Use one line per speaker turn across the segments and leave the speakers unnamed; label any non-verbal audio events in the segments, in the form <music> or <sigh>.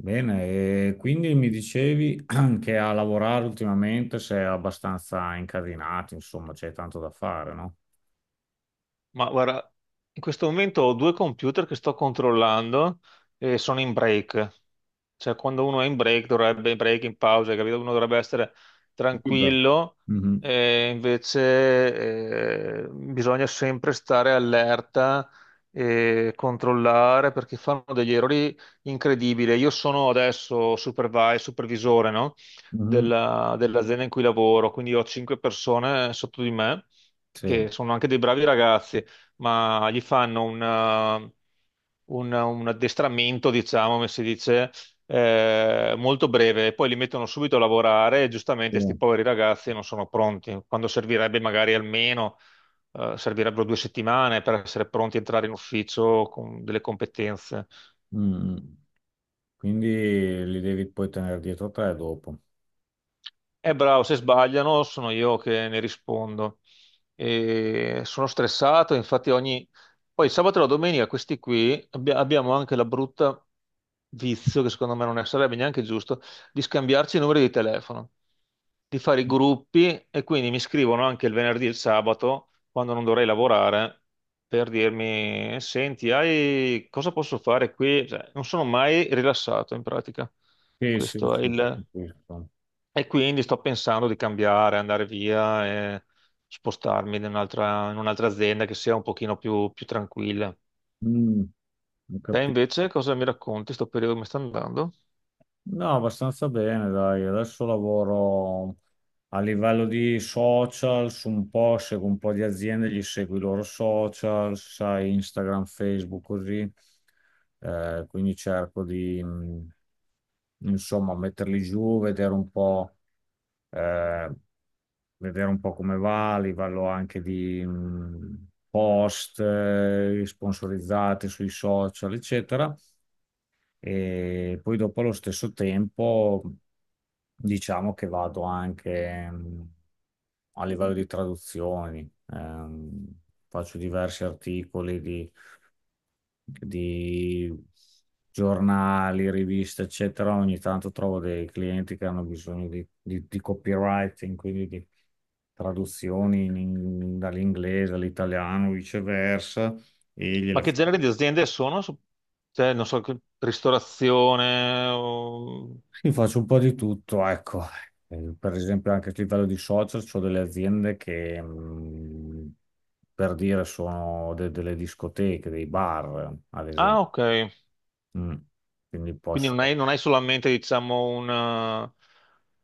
Bene, e quindi mi dicevi <clears throat> che a lavorare ultimamente sei abbastanza incasinato, insomma, c'è tanto da fare, no?
Ma guarda, in questo momento ho due computer che sto controllando e sono in break. Cioè, quando uno è in break, dovrebbe in break, in pausa, hai capito? Uno dovrebbe essere
Libero.
tranquillo,
Mhm,
e invece bisogna sempre stare allerta e controllare perché fanno degli errori incredibili. Io sono adesso supervisore, no?
mhm,
Dell'azienda in cui lavoro, quindi ho cinque persone sotto di me
sì,
che sono anche dei bravi ragazzi, ma gli fanno un addestramento, diciamo, come si dice molto breve, e poi li mettono subito a lavorare e giustamente questi
sì,
poveri ragazzi non sono pronti, quando servirebbe magari almeno, servirebbero 2 settimane per essere pronti a entrare in ufficio con delle competenze.
mm. Quindi li devi poi tenere dietro te dopo.
Bravo, se sbagliano sono io che ne rispondo. E sono stressato, infatti ogni. Poi sabato e la domenica questi qui abbiamo anche la brutta vizio, che secondo me non sarebbe neanche giusto, di scambiarci i numeri di telefono, di fare i gruppi e quindi mi scrivono anche il venerdì e il sabato, quando non dovrei lavorare, per dirmi, senti, hai. Cosa posso fare qui? Cioè, non sono mai rilassato in pratica.
Sì, sì,
Questo è
sì,
il.
capisco.
E quindi sto pensando di cambiare, andare via e spostarmi in un'altra azienda che sia un pochino più tranquilla.
Mm, ho
Te
capito.
invece cosa mi racconti? Sto periodo come sta andando?
No, abbastanza bene, dai. Adesso lavoro a livello di social, su un po', seguo un po' di aziende, gli seguo i loro social, sai, Instagram, Facebook, così. Quindi cerco di, insomma, metterli giù, eh, vedere un po' come va, a livello anche di, post, sponsorizzati sui social, eccetera. E poi dopo allo stesso tempo diciamo che vado anche a livello di traduzioni, faccio diversi articoli di giornali, riviste, eccetera. Ogni tanto trovo dei clienti che hanno bisogno di, di copywriting, quindi di traduzioni dall'inglese all'italiano, viceversa, e
Ma
gliele
che genere di aziende sono? Cioè, non so, ristorazione.
sì, faccio un po' di tutto, ecco. Per esempio anche a livello di social, ho delle aziende che, per dire, sono delle discoteche, dei bar, ad
Ah,
esempio.
ok.
Mm. Quindi
Quindi
posso...
non hai solamente, diciamo, un,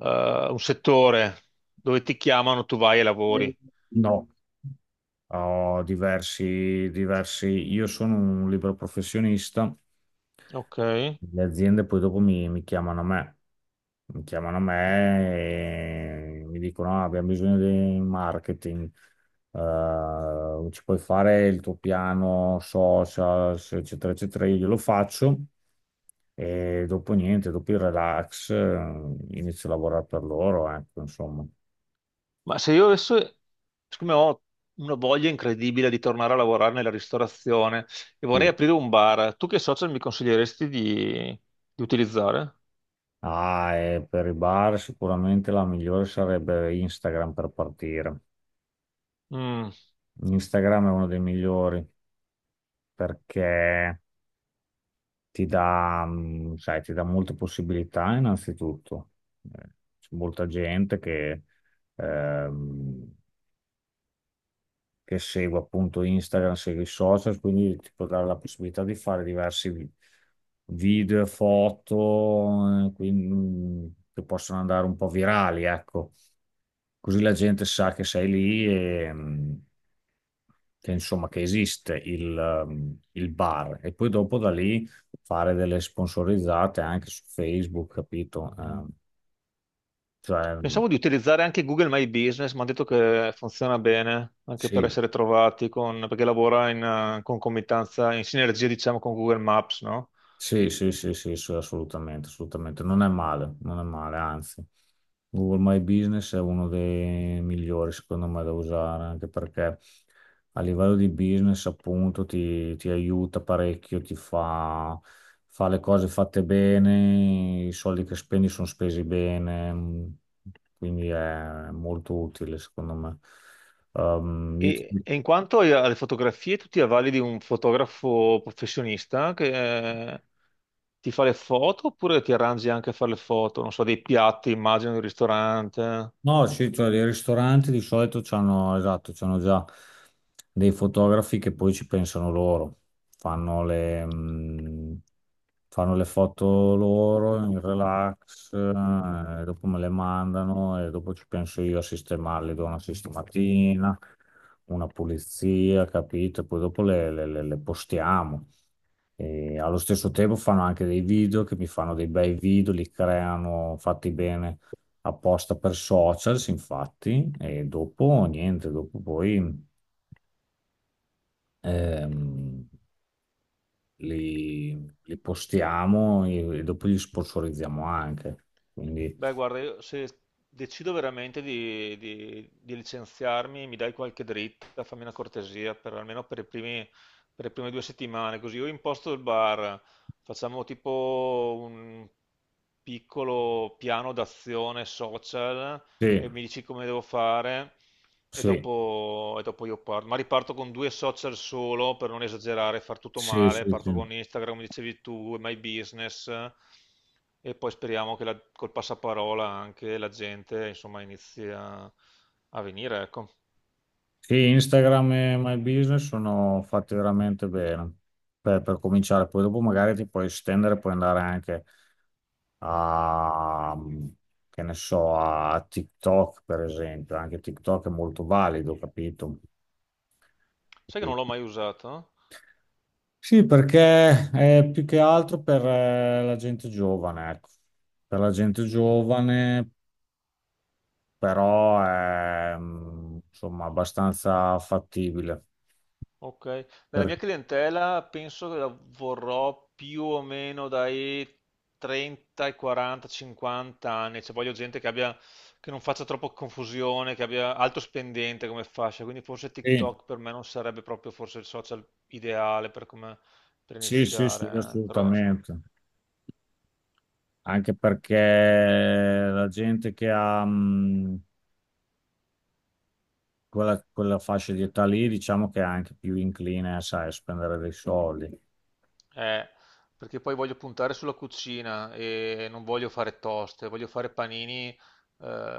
eh, un settore dove ti chiamano, tu vai e lavori.
No, ho diversi, diversi... Io sono un libero professionista.
Ok.
Le aziende poi dopo mi, mi chiamano a me, mi chiamano a me e mi dicono: "Ah, abbiamo bisogno di marketing, ci puoi fare il tuo piano social, eccetera, eccetera". Io glielo faccio e dopo niente, dopo il relax, inizio a lavorare per loro, ecco, insomma.
Ma se io adesso, siccome ho una voglia incredibile di tornare a lavorare nella ristorazione e vorrei
Sì.
aprire un bar, tu che social mi consiglieresti di, utilizzare?
Ah, e per i bar sicuramente la migliore sarebbe Instagram per partire.
Mm.
Instagram è uno dei migliori perché ti dà, sai, ti dà molte possibilità innanzitutto. Eh, C'è molta gente ehm, che segue appunto Instagram, segue i social, quindi ti può dare la possibilità di fare diversi video, foto, quindi, che possono andare un po' virali, ecco. Così la gente sa che sei lì e... che, insomma, che esiste il bar e poi dopo da lì fare delle sponsorizzate anche su Facebook, capito? Cioè,
Pensavo di utilizzare anche Google My Business, mi hanno detto che funziona bene anche per
sì,
essere trovati, perché lavora in concomitanza, in sinergia diciamo con Google Maps, no?
sì, sì, sì, sì, sì, assolutamente, assolutamente. Non è male, non è male, anzi. Google My Business è uno dei migliori, secondo me, da usare, anche perché a livello di business, appunto, ti aiuta parecchio, ti fa, fa le cose fatte bene, i soldi che spendi sono spesi bene, quindi è molto utile, secondo me. Ehm, io ti-
E in quanto alle fotografie, tu ti avvali di un fotografo professionista che, ti fa le foto oppure ti arrangi anche a fare le foto? Non so, dei piatti, immagino, di un ristorante.
No, sì, cioè i ristoranti di solito c'hanno, esatto, c'hanno già dei fotografi che poi ci pensano loro, fanno le, mh, fanno le foto loro in relax, dopo me le mandano e dopo ci penso io a sistemarle, do una sistematina, una pulizia, capito? Poi dopo le postiamo. E allo stesso tempo fanno anche dei video che mi fanno dei bei video, li creano fatti bene apposta per socials, infatti, e dopo niente, dopo poi ehm, li, li postiamo e dopo li sponsorizziamo anche. Quindi
Beh, guarda, io se decido veramente di licenziarmi, mi dai qualche dritta, fammi una cortesia, per, almeno per le prime 2 settimane, così io imposto il bar, facciamo tipo un piccolo piano d'azione social
sì,
e mi dici come devo fare. e
sì,
dopo, e dopo io parto. Ma riparto con due social solo per non esagerare, far tutto
sì,
male.
sì,
Parto
sì.
con Instagram, come dicevi tu, e My Business e poi speriamo che col passaparola anche la gente insomma inizi a venire, ecco.
Sì, Instagram e My Business sono fatti veramente bene per cominciare, poi dopo magari ti puoi estendere, puoi andare anche a, che ne so, a TikTok, per esempio. Anche TikTok è molto valido, capito?
Sai che non l'ho mai usato?
Sì, perché è più che altro per la gente giovane, ecco. Per la gente
Mm.
giovane, però è insomma abbastanza fattibile.
Ok, nella
Per-
mia clientela penso che la vorrò più o meno dai 30 ai 40, 50 anni, cioè voglio gente che abbia, che non faccia troppo confusione, che abbia alto spendente come fascia, quindi forse
sì,
TikTok per me non sarebbe proprio forse il social ideale per
sì, sì, sì,
iniziare, eh. Però insomma,
assolutamente. Anche perché la gente che ha, quella, quella fascia di età lì, diciamo che è anche più incline, sai, a spendere dei soldi.
eh, perché poi voglio puntare sulla cucina e non voglio fare toste, voglio fare panini, eh,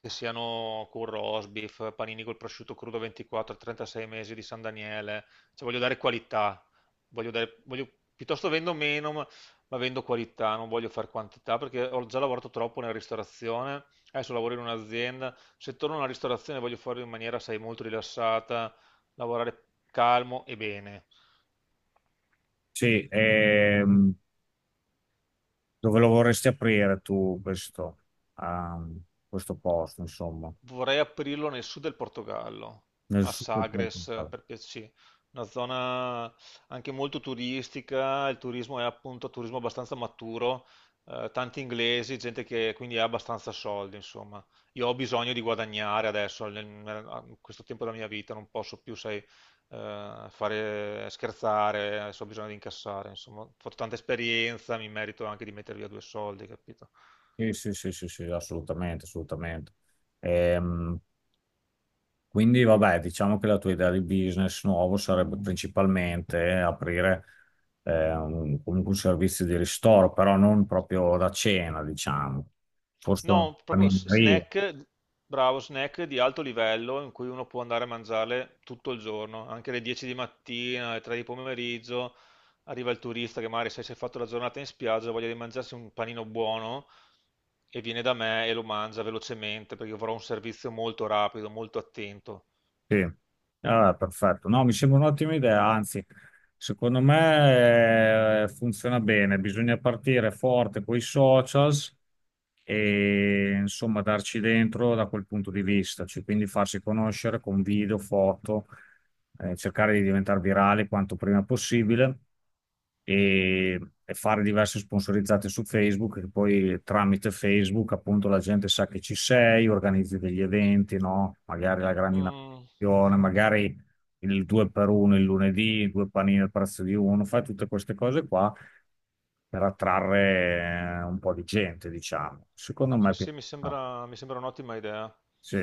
che siano curro, osbif, panini col prosciutto crudo 24, 36 mesi di San Daniele, cioè voglio dare qualità, voglio dare, voglio- piuttosto vendo meno, ma vendo qualità, non voglio fare quantità perché ho già lavorato troppo nella ristorazione, adesso lavoro in un'azienda, se torno alla ristorazione voglio farlo in maniera, sai, molto rilassata, lavorare calmo e bene.
Sì, dove lo vorresti aprire tu questo, ehm, questo posto, insomma?
Vorrei aprirlo nel sud del Portogallo,
Nel
a
sud del
Sagres
Portogallo.
per piacere, una zona anche molto turistica, il turismo è appunto un turismo abbastanza maturo, tanti inglesi, gente che quindi ha abbastanza soldi, insomma. Io ho bisogno di guadagnare adesso, a questo tempo della mia vita, non posso più, sai, fare scherzare, adesso ho bisogno di incassare, insomma, ho fatto tanta esperienza, mi merito anche di mettere via due soldi, capito?
Sì, sì, sì, sì, sì, assolutamente, assolutamente. Ehm, quindi, vabbè, diciamo che la tua idea di business nuovo sarebbe principalmente aprire comunque un servizio di ristoro, però non proprio da cena, diciamo, forse una
No, proprio
panineria.
snack, bravo, snack di alto livello in cui uno può andare a mangiarle tutto il giorno, anche alle 10 di mattina, alle 3 di pomeriggio, arriva il turista che magari se si è fatto la giornata in spiaggia ha voglia di mangiarsi un panino buono e viene da me e lo mangia velocemente perché io avrò un servizio molto rapido, molto attento.
Sì, ah, perfetto. No, mi sembra un'ottima idea, anzi, secondo me funziona bene. Bisogna partire forte con i socials e insomma darci dentro da quel punto di vista, cioè, quindi farsi conoscere con video, foto, cercare di diventare virale quanto prima possibile e, e fare diverse sponsorizzate su Facebook, che poi tramite Facebook appunto la gente sa che ci sei, organizzi degli eventi, no? Magari la grande
Mm,
inaugurazione, magari il 2 per 1 il lunedì, due panini al prezzo di uno, fai tutte queste cose qua per attrarre un po' di gente, diciamo. Secondo me,
sì,
è più-
sì, mi
no.
sembra, mi sembra un'ottima idea.
Sì.